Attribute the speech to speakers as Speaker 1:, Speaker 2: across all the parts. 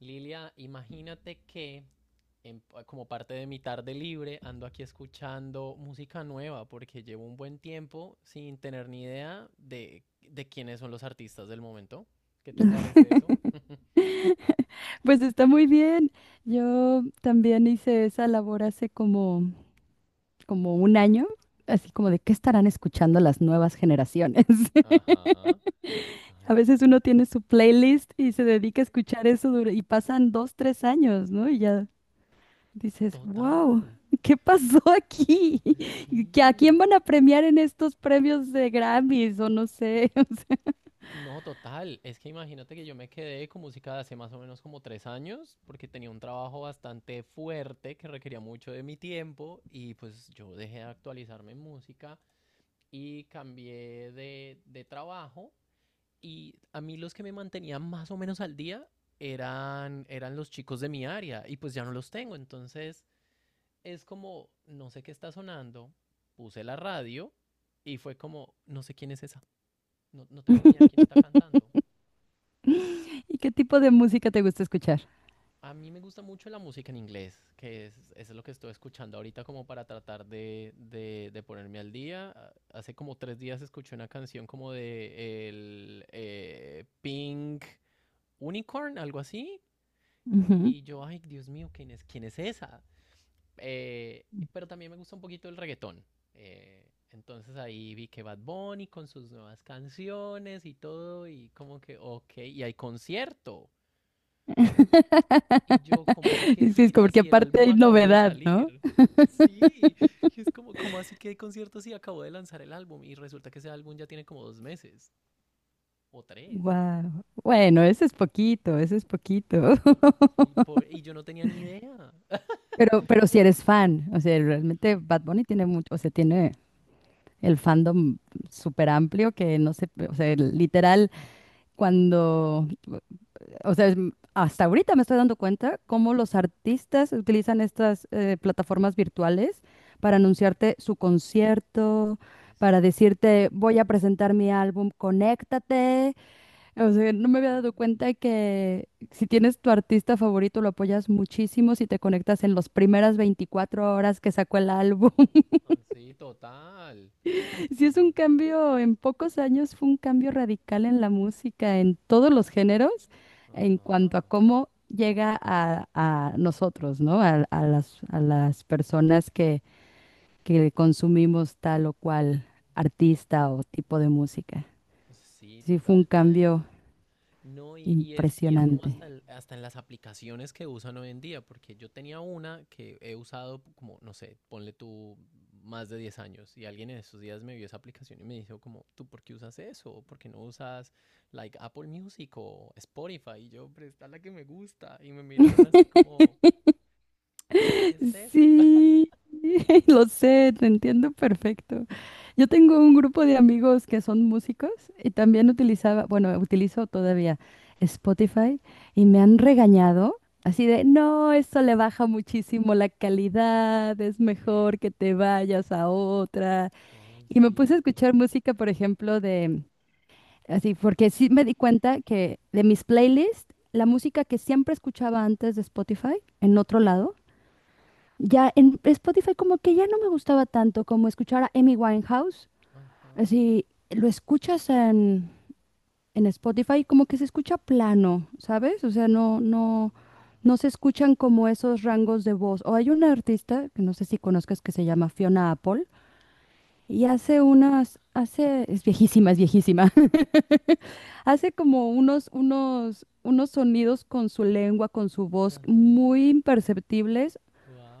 Speaker 1: Lilia, imagínate que en- como parte de mi tarde libre ando aquí escuchando música nueva porque llevo un buen tiempo sin tener ni idea de quiénes son los artistas del momento. ¿Qué te parece eso?
Speaker 2: Pues está muy bien. Yo también hice esa labor hace como, como un año, así como de qué estarán escuchando las nuevas generaciones.
Speaker 1: Ajá.
Speaker 2: A
Speaker 1: Ay,
Speaker 2: veces uno
Speaker 1: sí.
Speaker 2: tiene su playlist y se dedica a escuchar y pasan dos, tres años, ¿no? Y ya dices,
Speaker 1: Total.
Speaker 2: wow, ¿qué pasó aquí? ¿Que a
Speaker 1: Sí.
Speaker 2: quién van a premiar en estos premios de Grammys o no sé? O
Speaker 1: No, total. Es que imagínate que yo me quedé con música de hace más o menos como 3 años, porque tenía un trabajo bastante fuerte que requería mucho de mi tiempo y pues yo dejé de actualizarme en música y cambié de trabajo, y a mí los que me mantenían más o menos al día eran los chicos de mi área y pues ya no los tengo. Entonces es como, no sé qué está sonando, puse la radio y fue como, no sé quién es esa, no, no tengo ni idea
Speaker 2: sea.
Speaker 1: quién está cantando.
Speaker 2: ¿Y qué tipo de música te gusta escuchar?
Speaker 1: A mí me gusta mucho la música en inglés, que es lo que estoy escuchando ahorita como para tratar de ponerme al día. Ah, hace como 3 días escuché una canción como de el Pink Unicorn, algo así.
Speaker 2: Ujú.
Speaker 1: Y yo, ay, Dios mío, quién es esa? Eh, pero también me gusta un poquito el reggaetón. Entonces ahí vi que Bad Bunny con sus nuevas canciones y todo, y como que, ok, y hay concierto. Y yo, ¿cómo así que
Speaker 2: Sí, es como
Speaker 1: gira?
Speaker 2: que
Speaker 1: Si el
Speaker 2: aparte
Speaker 1: álbum
Speaker 2: hay
Speaker 1: acabó de
Speaker 2: novedad, ¿no?
Speaker 1: salir. Sí, y es como, ¿cómo así que hay conciertos si acabó de lanzar el álbum? Y resulta que ese álbum ya tiene como 2 meses o tres.
Speaker 2: Wow. Bueno, eso es poquito, eso es poquito.
Speaker 1: Y, po- y yo no tenía ni idea.
Speaker 2: Pero si eres fan, o sea, realmente Bad Bunny tiene mucho, o sea, tiene el fandom súper amplio que no sé, o sea, literal, cuando O sea, es hasta ahorita me estoy dando cuenta cómo los artistas utilizan estas plataformas virtuales para
Speaker 1: Ujú.
Speaker 2: anunciarte su concierto,
Speaker 1: Oye,
Speaker 2: para
Speaker 1: sí.
Speaker 2: decirte, voy a presentar mi álbum, conéctate. O sea, no me había dado cuenta que si tienes tu artista favorito, lo apoyas muchísimo si te conectas en las primeras 24 horas que sacó el álbum.
Speaker 1: Ah, sí, total.
Speaker 2: Sí, es
Speaker 1: No,
Speaker 2: un
Speaker 1: yo.
Speaker 2: cambio, en pocos años fue un cambio radical en la música, en todos los géneros, en
Speaker 1: Ajá.
Speaker 2: cuanto a cómo llega a nosotros, ¿no? A las personas que consumimos tal o cual artista o tipo de música.
Speaker 1: Sí,
Speaker 2: Sí, fue un
Speaker 1: total. Ah.
Speaker 2: cambio
Speaker 1: No, y es como
Speaker 2: impresionante.
Speaker 1: hasta, hasta en las aplicaciones que usan hoy en día, porque yo tenía una que he usado como, no sé, ponle tú más de 10 años, y alguien en esos días me vio esa aplicación y me dijo como, ¿tú por qué usas eso? ¿O ¿Por qué no usas like Apple Music o Spotify? Y yo, pero está la que me gusta, y me miraron así como, ¿qué es eso?
Speaker 2: Sí, lo sé, te entiendo perfecto. Yo tengo un grupo de amigos que son músicos y también utilizaba, bueno, utilizo todavía Spotify y me han regañado así de, no, esto le baja muchísimo la calidad, es mejor
Speaker 1: Sí,
Speaker 2: que te vayas a otra.
Speaker 1: ay,
Speaker 2: Y me puse a
Speaker 1: sí,
Speaker 2: escuchar música, por ejemplo, de, así, porque sí me di cuenta que de mis playlists, la música que siempre escuchaba antes de Spotify, en otro lado, ya en Spotify como que ya no me gustaba tanto como escuchar a Amy Winehouse.
Speaker 1: ajá,
Speaker 2: Así lo escuchas en Spotify como que se escucha plano, ¿sabes? O sea, no,
Speaker 1: onda,
Speaker 2: no, no se escuchan como esos rangos de voz. O hay una artista que no sé si conozcas que se llama Fiona Apple y
Speaker 1: no,
Speaker 2: hace unas, hace, es viejísima, es viejísima. Hace como unos, unos, unos sonidos con su lengua, con su voz
Speaker 1: ajá,
Speaker 2: muy imperceptibles.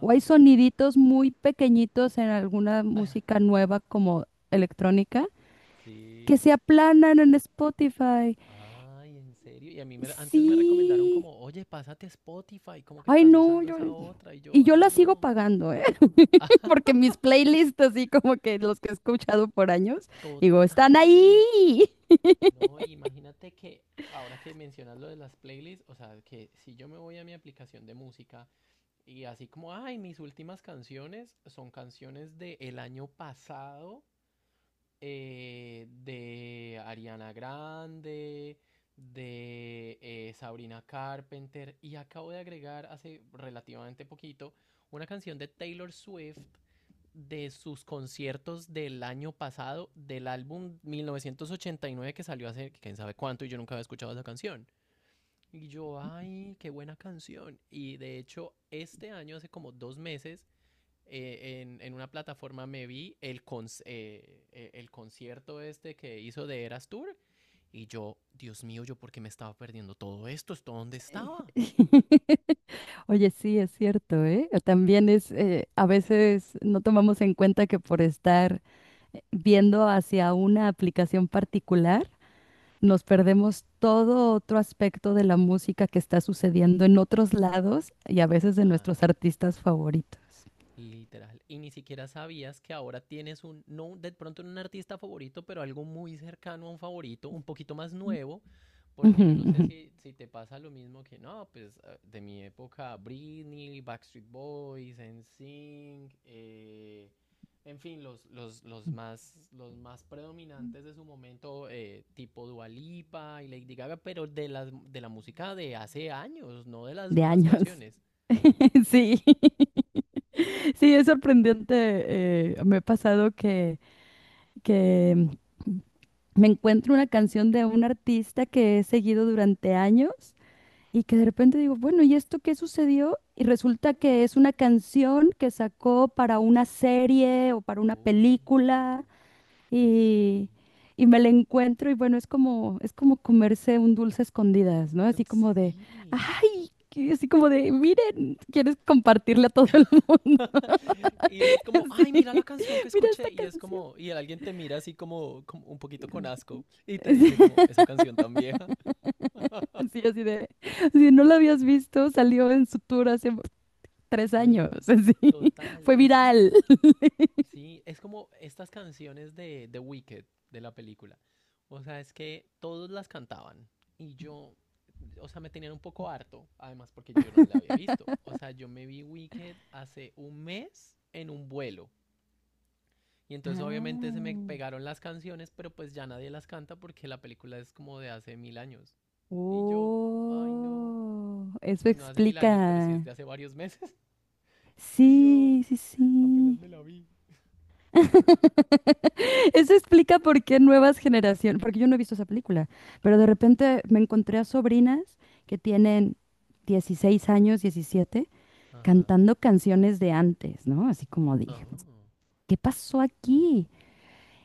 Speaker 2: O hay soniditos muy pequeñitos en alguna música nueva como electrónica
Speaker 1: sí.
Speaker 2: que se aplanan en Spotify.
Speaker 1: Ay, en serio. Y a mí antes me recomendaron
Speaker 2: Sí.
Speaker 1: como, oye, pásate a Spotify, ¿cómo que
Speaker 2: Ay,
Speaker 1: estás
Speaker 2: no,
Speaker 1: usando
Speaker 2: yo...
Speaker 1: esa otra? Y
Speaker 2: Y
Speaker 1: yo,
Speaker 2: yo
Speaker 1: ay,
Speaker 2: la sigo
Speaker 1: no,
Speaker 2: pagando, ¿eh? Porque mis playlists, así como que los que he escuchado por años, digo,
Speaker 1: total.
Speaker 2: están ahí.
Speaker 1: No, y imagínate que ahora que mencionas lo de las playlists, o sea, que si yo me voy a mi aplicación de música y así como, ay, mis últimas canciones son canciones del año pasado, de Ariana Grande, de Sabrina Carpenter, y acabo de agregar hace relativamente poquito una canción de Taylor Swift de sus conciertos del año pasado, del álbum 1989, que salió hace quién sabe cuánto y yo nunca había escuchado esa canción. Y yo, ay, qué buena canción. Y de hecho, este año, hace como 2 meses, una plataforma, me vi con el concierto este que hizo de Eras Tour, y yo, Dios mío, yo por qué me estaba perdiendo todo esto, esto dónde estaba.
Speaker 2: Oye, sí, es cierto, ¿eh? También es, a veces no tomamos en cuenta que por estar viendo hacia una aplicación particular, nos perdemos todo otro aspecto de la música que está sucediendo en otros lados y a veces de
Speaker 1: Total.
Speaker 2: nuestros artistas favoritos.
Speaker 1: Literal. Y ni siquiera sabías que ahora tienes un, no de pronto no un artista favorito, pero algo muy cercano a un favorito, un poquito más nuevo, porque
Speaker 2: Ujú,
Speaker 1: yo no sé
Speaker 2: ujú.
Speaker 1: si, si te pasa lo mismo que no, pues de mi época Britney, Backstreet Boys, NSYNC, en fin, los más predominantes de su momento, tipo Dua Lipa y Lady Gaga, pero de la música de hace años, no de las
Speaker 2: De
Speaker 1: nuevas
Speaker 2: años.
Speaker 1: canciones.
Speaker 2: Sí, sí, es sorprendente. Me ha pasado que, que mm, me encuentro una canción de un artista que he seguido durante años y que de repente digo, bueno, ¿y esto qué sucedió? Y resulta
Speaker 1: Mm.
Speaker 2: que es una canción que sacó para una serie o para una película
Speaker 1: Oh. Ay, sí.
Speaker 2: y, y me la encuentro y bueno, es como comerse un dulce a escondidas, ¿no? Así como de,
Speaker 1: Sí.
Speaker 2: ay, así como de, miren, quieres compartirle a todo el mundo.
Speaker 1: Y uno es como,
Speaker 2: Así,
Speaker 1: ay, mira la canción que
Speaker 2: mira esta
Speaker 1: escuché. Y es
Speaker 2: canción.
Speaker 1: como, y alguien te mira así como, como un poquito con asco y te
Speaker 2: Así,
Speaker 1: dice como, esa canción tan vieja.
Speaker 2: así así de, si no la habías visto, salió en su tour hace 3 años,
Speaker 1: Ay,
Speaker 2: así,
Speaker 1: total.
Speaker 2: fue
Speaker 1: Es como,
Speaker 2: viral.
Speaker 1: sí, es como estas canciones de The Wicked, de la película. O sea, es que todos las cantaban y yo, o sea, me tenían un poco harto, además porque yo no la había visto. O sea, yo me vi Wicked hace un mes en un vuelo. Y entonces obviamente se me
Speaker 2: Ah,
Speaker 1: pegaron las canciones, pero pues ya nadie las canta porque la película es como de hace mil años. Y yo, ay, no,
Speaker 2: oh, eso
Speaker 1: pues no hace mil años, pero sí es
Speaker 2: explica.
Speaker 1: de hace varios meses. Y yo
Speaker 2: Sí, sí,
Speaker 1: apenas
Speaker 2: sí.
Speaker 1: me la vi.
Speaker 2: Eso explica por qué nuevas generaciones, porque yo no he visto esa película, pero de repente me encontré a sobrinas que tienen 16 años, 17,
Speaker 1: Ajá.
Speaker 2: cantando canciones de antes, ¿no? Así como
Speaker 1: Ah,
Speaker 2: dije, ¿qué pasó aquí?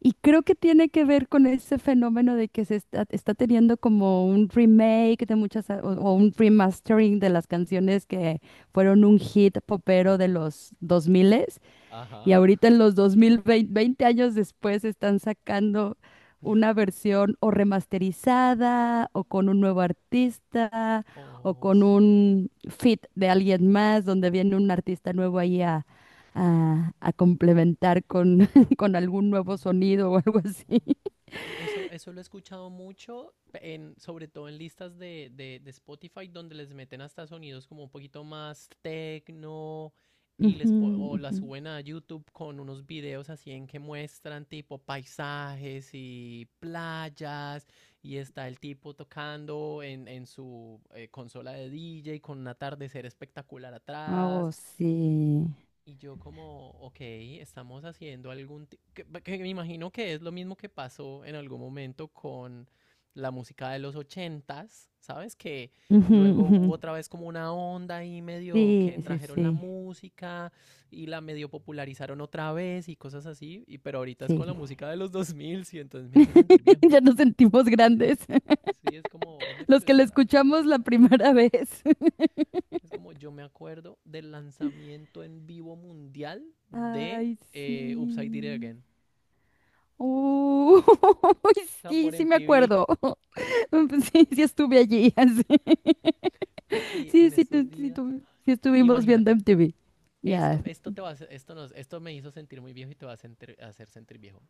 Speaker 2: Y creo que tiene que ver con ese fenómeno de que se está, está teniendo como un remake de muchas, o un remastering de las
Speaker 1: y-
Speaker 2: canciones que fueron un hit popero de
Speaker 1: ajá.
Speaker 2: los 2000 y
Speaker 1: Ajá.
Speaker 2: ahorita en los 2020, veinte veinte años después, están sacando una versión o remasterizada, o con un nuevo artista, o
Speaker 1: Oh,
Speaker 2: con
Speaker 1: sí.
Speaker 2: un feat de alguien más, donde viene un artista nuevo ahí a, a complementar con, con algún nuevo
Speaker 1: Mm.
Speaker 2: sonido o algo
Speaker 1: Oh,
Speaker 2: así.
Speaker 1: eso lo he escuchado mucho, sobre todo en listas de Spotify, donde les meten hasta sonidos como un poquito más techno y
Speaker 2: Ujú,
Speaker 1: o las
Speaker 2: ujú.
Speaker 1: suben a YouTube con unos videos así en que muestran tipo paisajes y playas, y está el tipo tocando en su consola de DJ con un atardecer espectacular
Speaker 2: Oh,
Speaker 1: atrás,
Speaker 2: sí.
Speaker 1: y yo como, ok, estamos haciendo algún, que me imagino que es lo mismo que pasó en algún momento con la música de los ochentas, ¿sabes? Que
Speaker 2: Ujú,
Speaker 1: luego
Speaker 2: ujú.
Speaker 1: hubo otra vez como una onda ahí, medio
Speaker 2: Sí,
Speaker 1: que
Speaker 2: sí,
Speaker 1: trajeron la
Speaker 2: sí.
Speaker 1: música y la medio popularizaron otra vez y cosas así, y pero ahorita es
Speaker 2: Sí.
Speaker 1: con la música de los 2000 y entonces me hace sentir viejo.
Speaker 2: Ya nos sentimos grandes.
Speaker 1: Sí, es como, oye,
Speaker 2: Los
Speaker 1: pero
Speaker 2: que la
Speaker 1: esa era la
Speaker 2: escuchamos
Speaker 1: música
Speaker 2: la
Speaker 1: de ayer.
Speaker 2: primera vez.
Speaker 1: Es como yo me acuerdo del lanzamiento en vivo mundial de
Speaker 2: Ay,
Speaker 1: Upside Down
Speaker 2: sí.
Speaker 1: Again.
Speaker 2: Uy,
Speaker 1: O sea,
Speaker 2: sí,
Speaker 1: por
Speaker 2: sí me
Speaker 1: MTV
Speaker 2: acuerdo. Sí, sí estuve allí. Así.
Speaker 1: y
Speaker 2: Sí,
Speaker 1: en
Speaker 2: sí,
Speaker 1: estos
Speaker 2: sí,
Speaker 1: días.
Speaker 2: sí estuvimos viendo
Speaker 1: Imagínate,
Speaker 2: MTV.
Speaker 1: esto,
Speaker 2: Ya.
Speaker 1: esto te va a hacer- esto nos, esto me hizo sentir muy viejo y te va a hacer sentir viejo.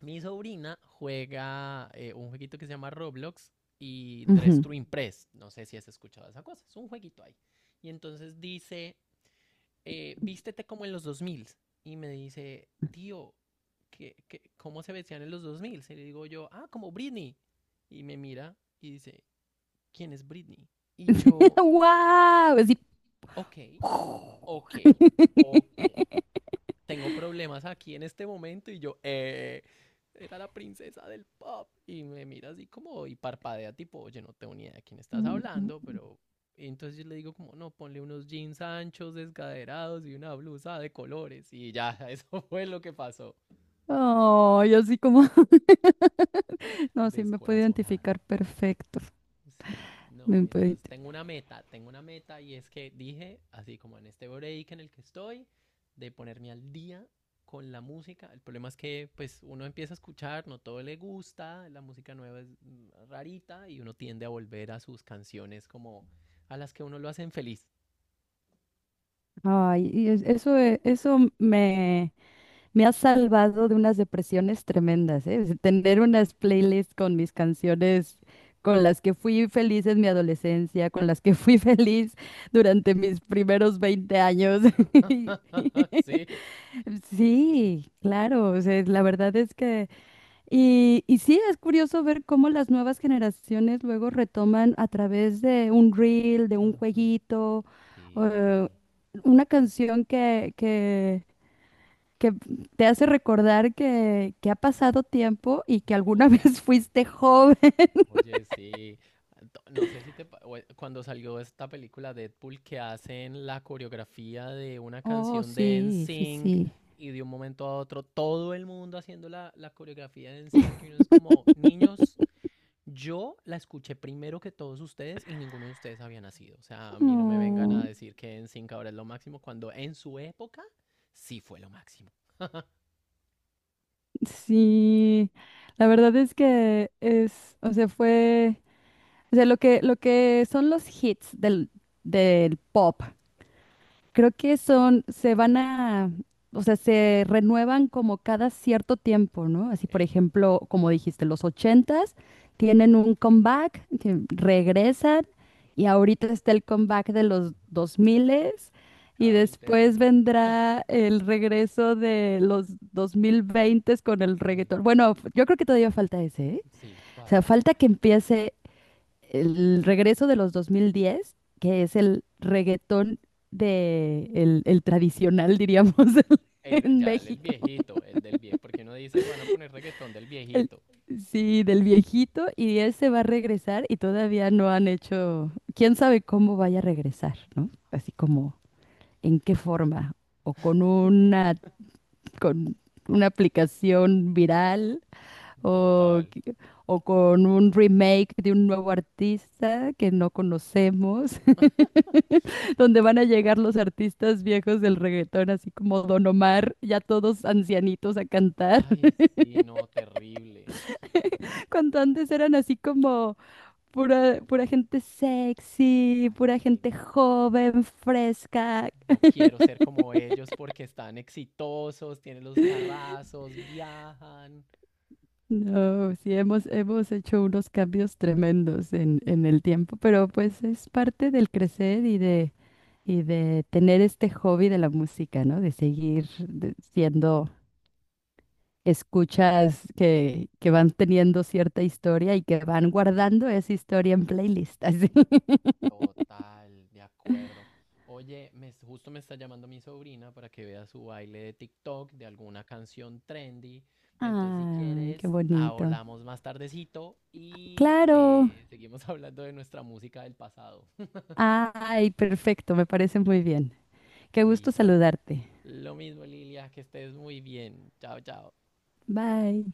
Speaker 1: Mi sobrina juega un jueguito que se llama Roblox y Dress
Speaker 2: Ujú.
Speaker 1: to Impress. No sé si has escuchado esa cosa. Es un jueguito ahí. Y entonces dice, vístete como en los dos mil. Y me dice, tío, ¿qué, qué, cómo se vestían en los dos mil? Y le digo yo, ah, como Britney. Y me mira y dice, ¿quién es Britney? Y yo,
Speaker 2: ¡Guau! Así.
Speaker 1: ok, ok, ok, tengo problemas aquí en este momento, y yo, era la princesa del pop, y me mira así como y parpadea tipo, oye, no tengo ni idea de quién estás hablando, pero, y entonces yo le digo como, no, ponle unos jeans anchos, descaderados y una blusa de colores y ya, eso fue lo que pasó,
Speaker 2: Ay, así como. No, sí me puedo
Speaker 1: descorazonado.
Speaker 2: identificar perfecto.
Speaker 1: Sí,
Speaker 2: Me
Speaker 1: no,
Speaker 2: puedo
Speaker 1: entonces
Speaker 2: ident-
Speaker 1: tengo una meta y es que dije, así como en este break en el que estoy, de ponerme al día con la música. El problema es que pues uno empieza a escuchar, no todo le gusta, la música nueva es rarita y uno tiende a volver a sus canciones como a las que uno lo hacen feliz.
Speaker 2: Ay, eso, eso me... Me ha salvado de unas depresiones tremendas, ¿eh? Es tener unas playlists con mis canciones con las que fui feliz en mi adolescencia, con las que fui feliz durante mis primeros 20 años.
Speaker 1: Sí, sí.
Speaker 2: Sí, claro, o sea, la verdad es que... Y, y sí, es curioso ver cómo las nuevas generaciones luego retoman a través de un reel, de un
Speaker 1: Ajá,
Speaker 2: jueguito, eh,
Speaker 1: sí,
Speaker 2: una canción que te hace recordar que ha pasado tiempo y que alguna vez
Speaker 1: total.
Speaker 2: fuiste joven.
Speaker 1: Oye, sí, no sé si te. Cuando salió esta película Deadpool que hacen la coreografía de una
Speaker 2: Oh,
Speaker 1: canción de
Speaker 2: sí, sí,
Speaker 1: NSYNC,
Speaker 2: sí.
Speaker 1: y de un momento a otro todo el mundo haciendo la coreografía de NSYNC y uno es como, niños, yo la escuché primero que todos ustedes y ninguno de ustedes había nacido. O sea, a mí no me vengan
Speaker 2: Oh,
Speaker 1: a decir que NSYNC ahora es lo máximo cuando en su época sí fue lo máximo.
Speaker 2: sí, la verdad es que es, o sea, fue, o sea, lo que son los hits del, del pop. Creo que son, se van a, o sea, se renuevan como cada cierto tiempo, ¿no? Así, por
Speaker 1: Ey,
Speaker 2: ejemplo, como dijiste, los ochentas tienen un comeback, que regresan, y ahorita está el comeback de los
Speaker 1: ujú.
Speaker 2: dos miles, y
Speaker 1: Cada 20
Speaker 2: después
Speaker 1: años.
Speaker 2: vendrá el regreso de los dos mil veintes con el
Speaker 1: Ay,
Speaker 2: reggaetón.
Speaker 1: to-
Speaker 2: Bueno, yo creo que todavía falta ese, ¿eh?
Speaker 1: Sí,
Speaker 2: O sea,
Speaker 1: todavía hace
Speaker 2: falta que
Speaker 1: falta.
Speaker 2: empiece el regreso de los 2010, que es el reggaetón de el tradicional, diríamos,
Speaker 1: Sí. El,
Speaker 2: en
Speaker 1: ya, el
Speaker 2: México.
Speaker 1: viejito, el del viejo, porque uno dice, van a poner reggaetón del
Speaker 2: El-
Speaker 1: viejito.
Speaker 2: sí, del viejito, y ese va a regresar y todavía no han hecho, quién sabe cómo vaya a regresar, ¿no?
Speaker 1: Ay,
Speaker 2: Así como en qué forma, o con una aplicación viral,
Speaker 1: sí,
Speaker 2: o,
Speaker 1: total.
Speaker 2: que- o con un remake de un nuevo artista que no conocemos, donde van a llegar los artistas viejos del reggaetón, así como Don Omar, ya todos ancianitos a cantar,
Speaker 1: Ay, sí, no, terrible.
Speaker 2: cuando antes eran así como pura,
Speaker 1: Lo
Speaker 2: pura
Speaker 1: máximo.
Speaker 2: gente sexy,
Speaker 1: Ay,
Speaker 2: pura
Speaker 1: sí.
Speaker 2: gente joven, fresca.
Speaker 1: Yo quiero ser como ellos porque están exitosos, tienen los carrazos, viajan.
Speaker 2: No, sí, hemos, hemos hecho unos cambios tremendos en el tiempo, pero pues es parte del crecer y de tener este hobby de la música, ¿no? De seguir siendo escuchas que van teniendo cierta historia y que van guardando esa historia en playlists. Así.
Speaker 1: Total, de acuerdo. Oye, me, justo me está llamando mi sobrina para que vea su baile de TikTok de alguna canción trendy. Entonces, si
Speaker 2: Ay, qué
Speaker 1: quieres,
Speaker 2: bonito.
Speaker 1: hablamos más tardecito y
Speaker 2: Claro.
Speaker 1: seguimos hablando de nuestra música del pasado.
Speaker 2: Ay, perfecto, me parece muy bien. Qué gusto
Speaker 1: Listo.
Speaker 2: saludarte.
Speaker 1: Lo mismo, Lilia, que estés muy bien. Chao, chao.
Speaker 2: Bye.